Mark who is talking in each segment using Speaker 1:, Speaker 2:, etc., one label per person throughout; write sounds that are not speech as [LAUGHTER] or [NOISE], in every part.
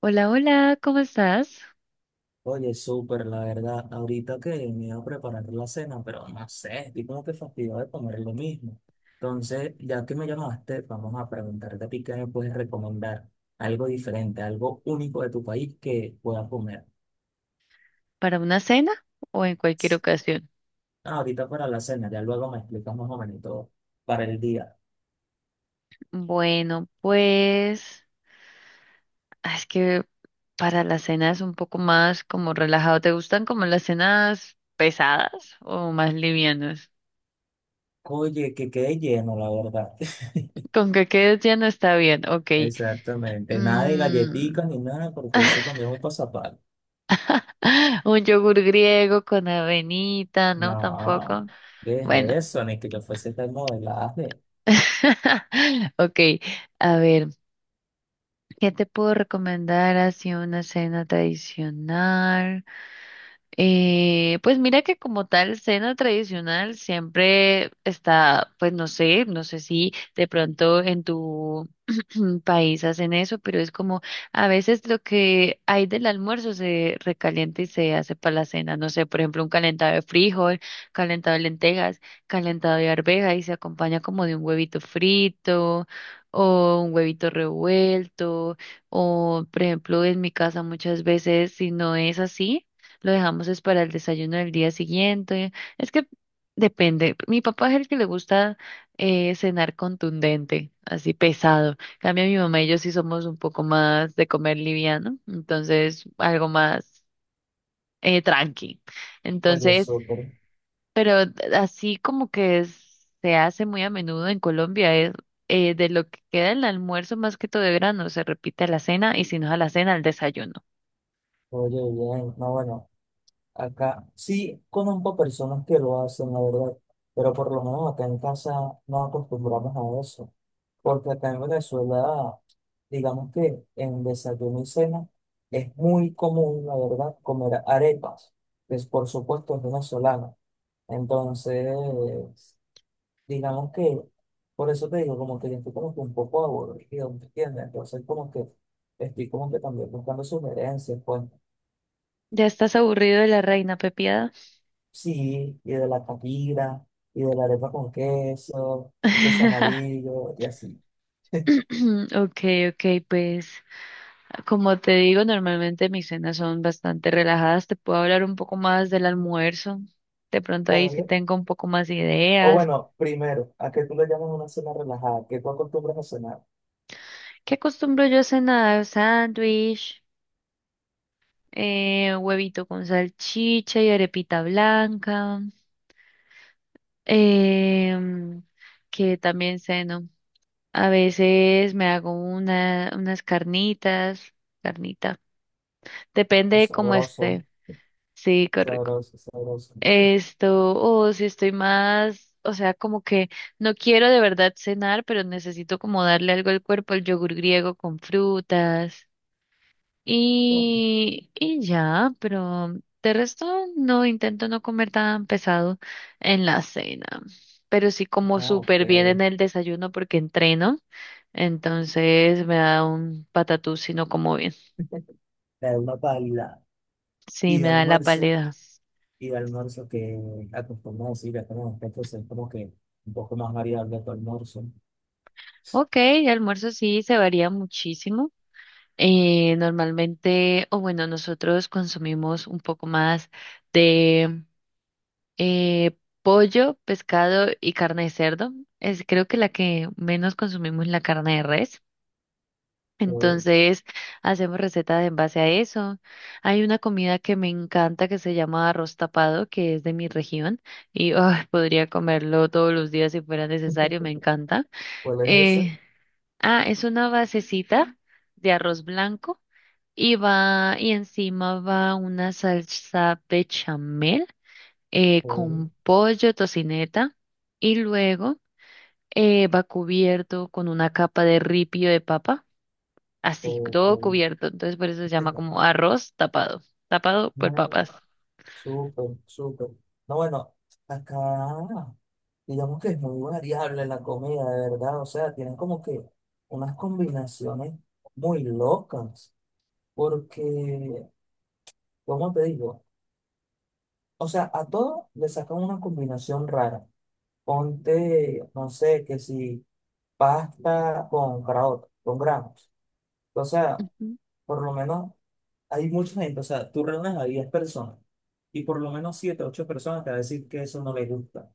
Speaker 1: Hola, hola, ¿cómo estás?
Speaker 2: Oye, súper, la verdad. Ahorita que me iba a preparar la cena, pero no sé, estoy como que fastidiado de comer lo mismo. Entonces, ya que me llamaste, vamos a preguntarte a ti qué me puedes recomendar. Algo diferente, algo único de tu país que pueda comer.
Speaker 1: ¿Para una cena o en cualquier ocasión?
Speaker 2: Ah, ahorita para la cena, ya luego me explicas más o menos todo para el día.
Speaker 1: Bueno, pues es que para las cenas un poco más como relajado. ¿Te gustan como las cenas pesadas o más livianas?
Speaker 2: Oye, que quede lleno, la verdad.
Speaker 1: Con que quedes lleno está bien, ok.
Speaker 2: [LAUGHS] Exactamente. Nada de
Speaker 1: Mm,
Speaker 2: galletitas ni nada, porque eso para mí es muy pasapal.
Speaker 1: [LAUGHS] un yogur griego con avenita, ¿no? Tampoco.
Speaker 2: No, ¿qué es
Speaker 1: Bueno,
Speaker 2: eso? Ni que yo fuese tan modelaje.
Speaker 1: [LAUGHS] ok. A ver. ¿Qué te puedo recomendar así una cena tradicional? Pues mira que como tal cena tradicional siempre está, pues no sé, no sé si de pronto en tu [CLEARS THROAT] país hacen eso, pero es como a veces lo que hay del almuerzo se recalienta y se hace para la cena. No sé, por ejemplo, un calentado de frijol, calentado de lentejas, calentado de arveja y se acompaña como de un huevito frito o un huevito revuelto o, por ejemplo, en mi casa muchas veces si no es así. Lo dejamos es para el desayuno del día siguiente. Es que depende. Mi papá es el que le gusta cenar contundente, así pesado. En cambio mi mamá y yo sí somos un poco más de comer liviano, entonces algo más tranqui.
Speaker 2: Oye,
Speaker 1: Entonces,
Speaker 2: súper.
Speaker 1: pero así como que se hace muy a menudo en Colombia es de lo que queda el almuerzo más que todo de grano se repite a la cena y si no es a la cena al desayuno.
Speaker 2: Oye, bien, no, bueno, acá sí conozco personas que lo hacen, la verdad, pero por lo menos acá en casa nos acostumbramos a eso, porque acá en Venezuela, digamos que en desayuno y cena es muy común, la verdad, comer arepas, que es, por supuesto es venezolana. Entonces, digamos que, por eso te digo, como que yo estoy como que un poco aburrido, ¿me entiendes? Entonces, como que estoy como que también buscando sugerencias, pues.
Speaker 1: ¿Ya estás aburrido de la reina pepiada?
Speaker 2: Sí, y de la comida, y de la arepa con queso, queso
Speaker 1: [LAUGHS]
Speaker 2: amarillo, y así.
Speaker 1: [CLEARS THROAT] Okay, okay, pues como te digo, normalmente mis cenas son bastante relajadas. Te puedo hablar un poco más del almuerzo. De pronto ahí sí
Speaker 2: ¿Vale?
Speaker 1: tengo un poco más
Speaker 2: O
Speaker 1: ideas.
Speaker 2: bueno, primero, ¿a qué tú le llamas una cena relajada? ¿Qué tú acostumbras a cenar?
Speaker 1: ¿Qué acostumbro yo a cenar? Sándwich, huevito con salchicha y arepita blanca. em, que también ceno. A veces me hago unas carnitas, carnita. Depende
Speaker 2: Oh,
Speaker 1: de cómo
Speaker 2: sabroso,
Speaker 1: esté. Sí, correcto.
Speaker 2: sabroso, sabroso.
Speaker 1: Esto, o si estoy más, o sea, como que no quiero de verdad cenar, pero necesito como darle algo al cuerpo, el yogur griego con frutas
Speaker 2: Oh,
Speaker 1: y ya, pero de resto no intento no comer tan pesado en la cena, pero sí como
Speaker 2: ah,
Speaker 1: súper bien
Speaker 2: ok.
Speaker 1: en el desayuno porque entreno, entonces me da un patatús si no como bien,
Speaker 2: De una paila.
Speaker 1: sí,
Speaker 2: Y de
Speaker 1: me da la
Speaker 2: almuerzo,
Speaker 1: pálida.
Speaker 2: y de almuerzo que acostumbras a decir, ya tenemos que hacer como que un poco más variable tu almuerzo.
Speaker 1: Ok, el almuerzo sí se varía muchísimo. Normalmente, o bueno, nosotros consumimos un poco más de pollo, pescado y carne de cerdo. Es creo que la que menos consumimos es la carne de res.
Speaker 2: Oh,
Speaker 1: Entonces, hacemos recetas en base a eso. Hay una comida que me encanta que se llama arroz tapado, que es de mi región y ay, [LAUGHS] podría comerlo todos los días si fuera necesario, me encanta.
Speaker 2: ¿cuál es ese?
Speaker 1: Eh, es una basecita de arroz blanco y va, y encima va una salsa bechamel
Speaker 2: Oh,
Speaker 1: con pollo, tocineta, y luego va cubierto con una capa de ripio de papa, así,
Speaker 2: oh,
Speaker 1: todo
Speaker 2: oh.
Speaker 1: cubierto. Entonces por eso se llama como arroz tapado, tapado por
Speaker 2: [LAUGHS]
Speaker 1: papas.
Speaker 2: Súper, súper. No, bueno, acá digamos que es muy variable la comida, de verdad. O sea, tienen como que unas combinaciones muy locas. Porque, ¿cómo te digo? O sea, a todo le sacan una combinación rara. Ponte, no sé, que si pasta con grano, con granos. O sea,
Speaker 1: Ujú.
Speaker 2: por lo menos hay mucha gente. O sea, tú reúnes a 10 personas y por lo menos 7, 8 personas te van a decir que eso no les gusta.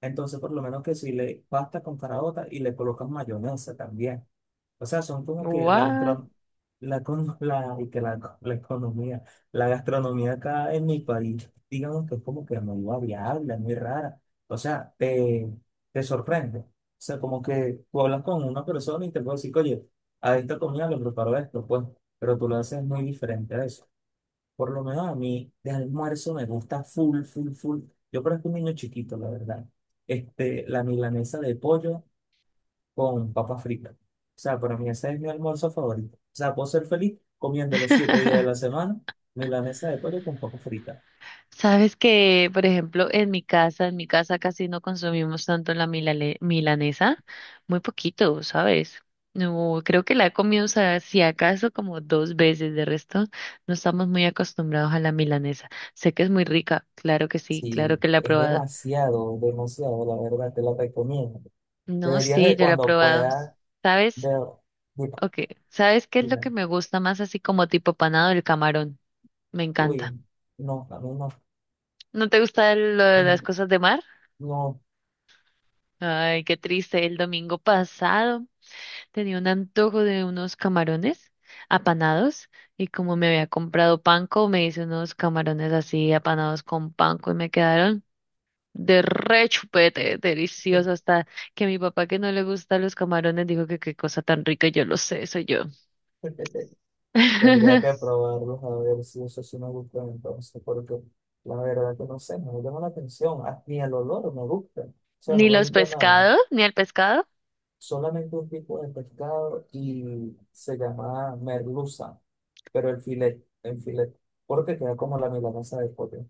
Speaker 2: Entonces, por lo menos que si le pasta con caraota y le colocas mayonesa también. O sea, son como que
Speaker 1: What?
Speaker 2: la, con- la, y que la economía, la gastronomía acá en mi país, digamos que es como que muy variable, es muy rara. O sea, te sorprende. O sea, como que tú hablas con una persona y te puedes decir, oye, a esta comida le preparo esto, pues, pero tú lo haces muy diferente a eso. Por lo menos a mí, de almuerzo me gusta full, full, full. Yo creo que un niño chiquito, la verdad. Este, la milanesa de pollo con papa frita. O sea, para mí ese es mi almuerzo favorito. O sea, puedo ser feliz comiendo los 7 días de
Speaker 1: [LAUGHS]
Speaker 2: la semana milanesa de pollo con papa frita.
Speaker 1: Sabes que, por ejemplo, en mi casa casi no consumimos tanto la milanesa, muy poquito, ¿sabes? No, creo que la he comido, o sea, si acaso como dos veces, de resto no estamos muy acostumbrados a la milanesa. Sé que es muy rica, claro que sí,
Speaker 2: Sí,
Speaker 1: claro que la he
Speaker 2: es
Speaker 1: probado.
Speaker 2: demasiado, demasiado, la verdad, te lo recomiendo.
Speaker 1: No,
Speaker 2: Deberías
Speaker 1: sí,
Speaker 2: de
Speaker 1: yo la he
Speaker 2: cuando
Speaker 1: probado.
Speaker 2: puedas
Speaker 1: ¿Sabes?
Speaker 2: ver, mira,
Speaker 1: Ok, ¿sabes qué es lo
Speaker 2: mira,
Speaker 1: que me gusta más así como tipo panado? El camarón, me
Speaker 2: uy,
Speaker 1: encanta.
Speaker 2: no, a mí no,
Speaker 1: ¿No te gusta lo de
Speaker 2: mm,
Speaker 1: las cosas de mar?
Speaker 2: no.
Speaker 1: Ay, qué triste. El domingo pasado tenía un antojo de unos camarones apanados y como me había comprado panko, me hice unos camarones así apanados con panko y me quedaron de re chupete, delicioso, hasta que mi papá que no le gustan los camarones dijo que qué cosa tan rica, yo lo sé, soy yo.
Speaker 2: [LAUGHS] Tendría que
Speaker 1: [LAUGHS]
Speaker 2: probarlos a ver si eso sí me gusta entonces, porque la verdad que no sé, no me llama la atención, ah, ni el olor me gusta, o sea,
Speaker 1: Ni
Speaker 2: no me
Speaker 1: los
Speaker 2: gusta nada.
Speaker 1: pescados, ni el pescado.
Speaker 2: Solamente un tipo de pescado y se llama merluza, pero el filet, porque queda como la milanesa de pollo.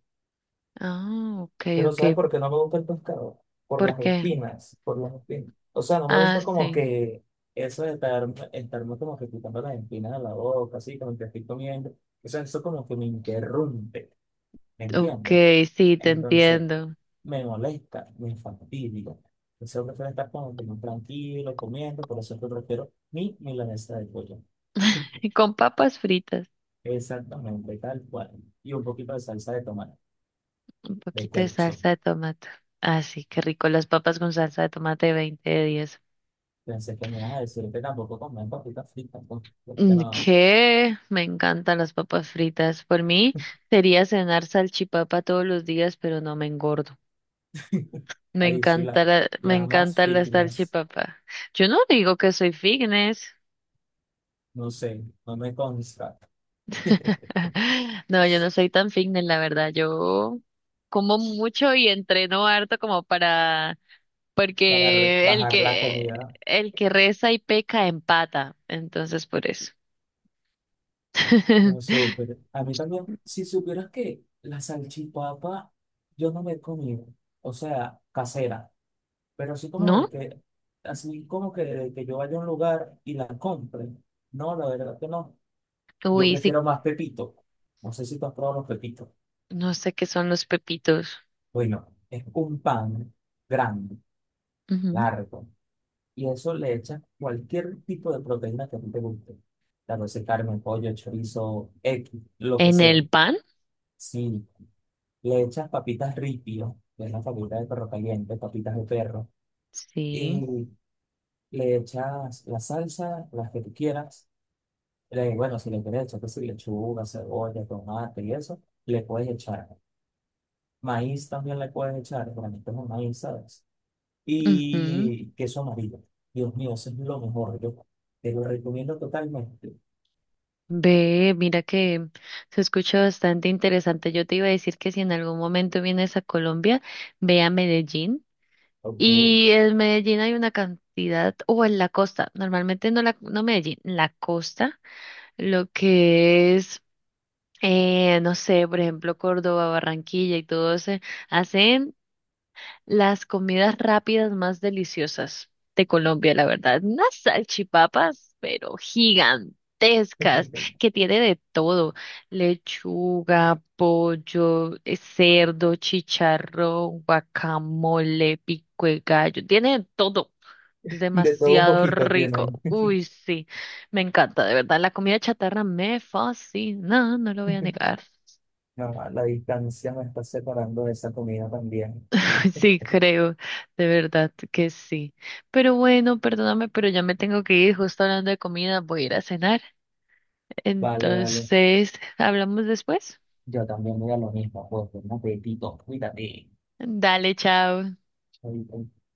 Speaker 1: Ah, ok,
Speaker 2: Pero
Speaker 1: ok.
Speaker 2: ¿sabes por qué no me gusta el pescado? Por
Speaker 1: ¿Por
Speaker 2: las
Speaker 1: qué?
Speaker 2: espinas, por las espinas. O sea, no me
Speaker 1: Ah,
Speaker 2: gusta como
Speaker 1: sí.
Speaker 2: que eso de estarme como que quitando las espinas de la boca, así, como que estoy comiendo. O sea, eso como que me interrumpe, ¿me
Speaker 1: Ok,
Speaker 2: entiendes?
Speaker 1: sí, te
Speaker 2: Entonces,
Speaker 1: entiendo.
Speaker 2: me molesta, me fastidia. Entonces, yo prefiero estar como que muy tranquilo, comiendo, por eso es que prefiero mi milanesa de pollo.
Speaker 1: Y
Speaker 2: [LAUGHS]
Speaker 1: con papas fritas.
Speaker 2: Exactamente, tal cual. Y un poquito de salsa de tomate,
Speaker 1: Un
Speaker 2: de
Speaker 1: poquito de
Speaker 2: ketchup.
Speaker 1: salsa de tomate. Ah, sí, qué rico. Las papas con salsa de tomate 20 de 10.
Speaker 2: Pensé que me ibas a decir que tampoco comen papitas fritas, pues, porque
Speaker 1: Mm,
Speaker 2: no.
Speaker 1: ¿qué? Me encantan las papas fritas. Por mí sería cenar salchipapa todos los días, pero no me engordo.
Speaker 2: [LAUGHS]
Speaker 1: Me
Speaker 2: Ahí sí,
Speaker 1: encanta la, me
Speaker 2: la más
Speaker 1: encanta la
Speaker 2: fitness,
Speaker 1: salchipapa. Yo no digo que soy fitness.
Speaker 2: no sé, no me consta.
Speaker 1: [LAUGHS]
Speaker 2: [LAUGHS]
Speaker 1: No, yo no soy tan fitness, la verdad. Yo como mucho y entreno harto como para
Speaker 2: Para
Speaker 1: Porque
Speaker 2: bajar la comida,
Speaker 1: el que reza y peca empata, entonces por eso.
Speaker 2: no
Speaker 1: [LAUGHS]
Speaker 2: súper. A mí también, si supieras que la salchipapa yo no me he comido, o sea, casera, pero así como el
Speaker 1: ¿No?
Speaker 2: que, así como que, de que yo vaya a un lugar y la compre. No, la verdad que no. Yo
Speaker 1: Uy, sí,
Speaker 2: prefiero más pepito. No sé si tú has probado los pepitos.
Speaker 1: no sé qué son los pepitos.
Speaker 2: Bueno, es un pan grande,
Speaker 1: Ujú.
Speaker 2: largo, y eso le echa cualquier tipo de proteína que a ti te guste. La sea carne, pollo, chorizo, X, lo que
Speaker 1: ¿En
Speaker 2: sea.
Speaker 1: el pan?
Speaker 2: Si le echas papitas ripio, que es la papita de perro caliente, papitas de perro,
Speaker 1: Sí.
Speaker 2: y le echas la salsa, las que tú quieras. Le, bueno, si le quieres echar, que si lechuga, cebolla, tomate y eso, le puedes echar. Maíz también le puedes echar, realmente es un maíz, ¿sabes?
Speaker 1: Ujú.
Speaker 2: Y queso amarillo. Dios mío, eso es lo mejor. Yo te lo recomiendo totalmente.
Speaker 1: Ve, mira que se escucha bastante interesante. Yo te iba a decir que si en algún momento vienes a Colombia, ve a Medellín.
Speaker 2: Ok.
Speaker 1: Y en Medellín hay una cantidad, o en la costa, normalmente no Medellín, la costa, lo que es no sé, por ejemplo, Córdoba, Barranquilla y todo ese, hacen las comidas rápidas más deliciosas de Colombia, la verdad. Unas salchipapas, pero gigantescas,
Speaker 2: [LAUGHS]
Speaker 1: que tiene de todo, lechuga, pollo, cerdo, chicharrón, guacamole, pico de gallo, tiene de todo. Es
Speaker 2: De todo un
Speaker 1: demasiado
Speaker 2: poquito
Speaker 1: rico.
Speaker 2: tienen. [LAUGHS]
Speaker 1: Uy, sí, me encanta, de verdad. La comida chatarra me fascina, no lo voy a negar.
Speaker 2: No, la distancia me está separando de esa comida también.
Speaker 1: [LAUGHS] Sí, creo, de verdad que sí. Pero bueno, perdóname, pero ya me tengo que ir, justo hablando de comida, voy a ir a cenar.
Speaker 2: Vale, vale.
Speaker 1: Entonces, hablamos después.
Speaker 2: Yo también voy a lo mismo, pues, un apetito, cuídate.
Speaker 1: Dale, chao.
Speaker 2: Ahorita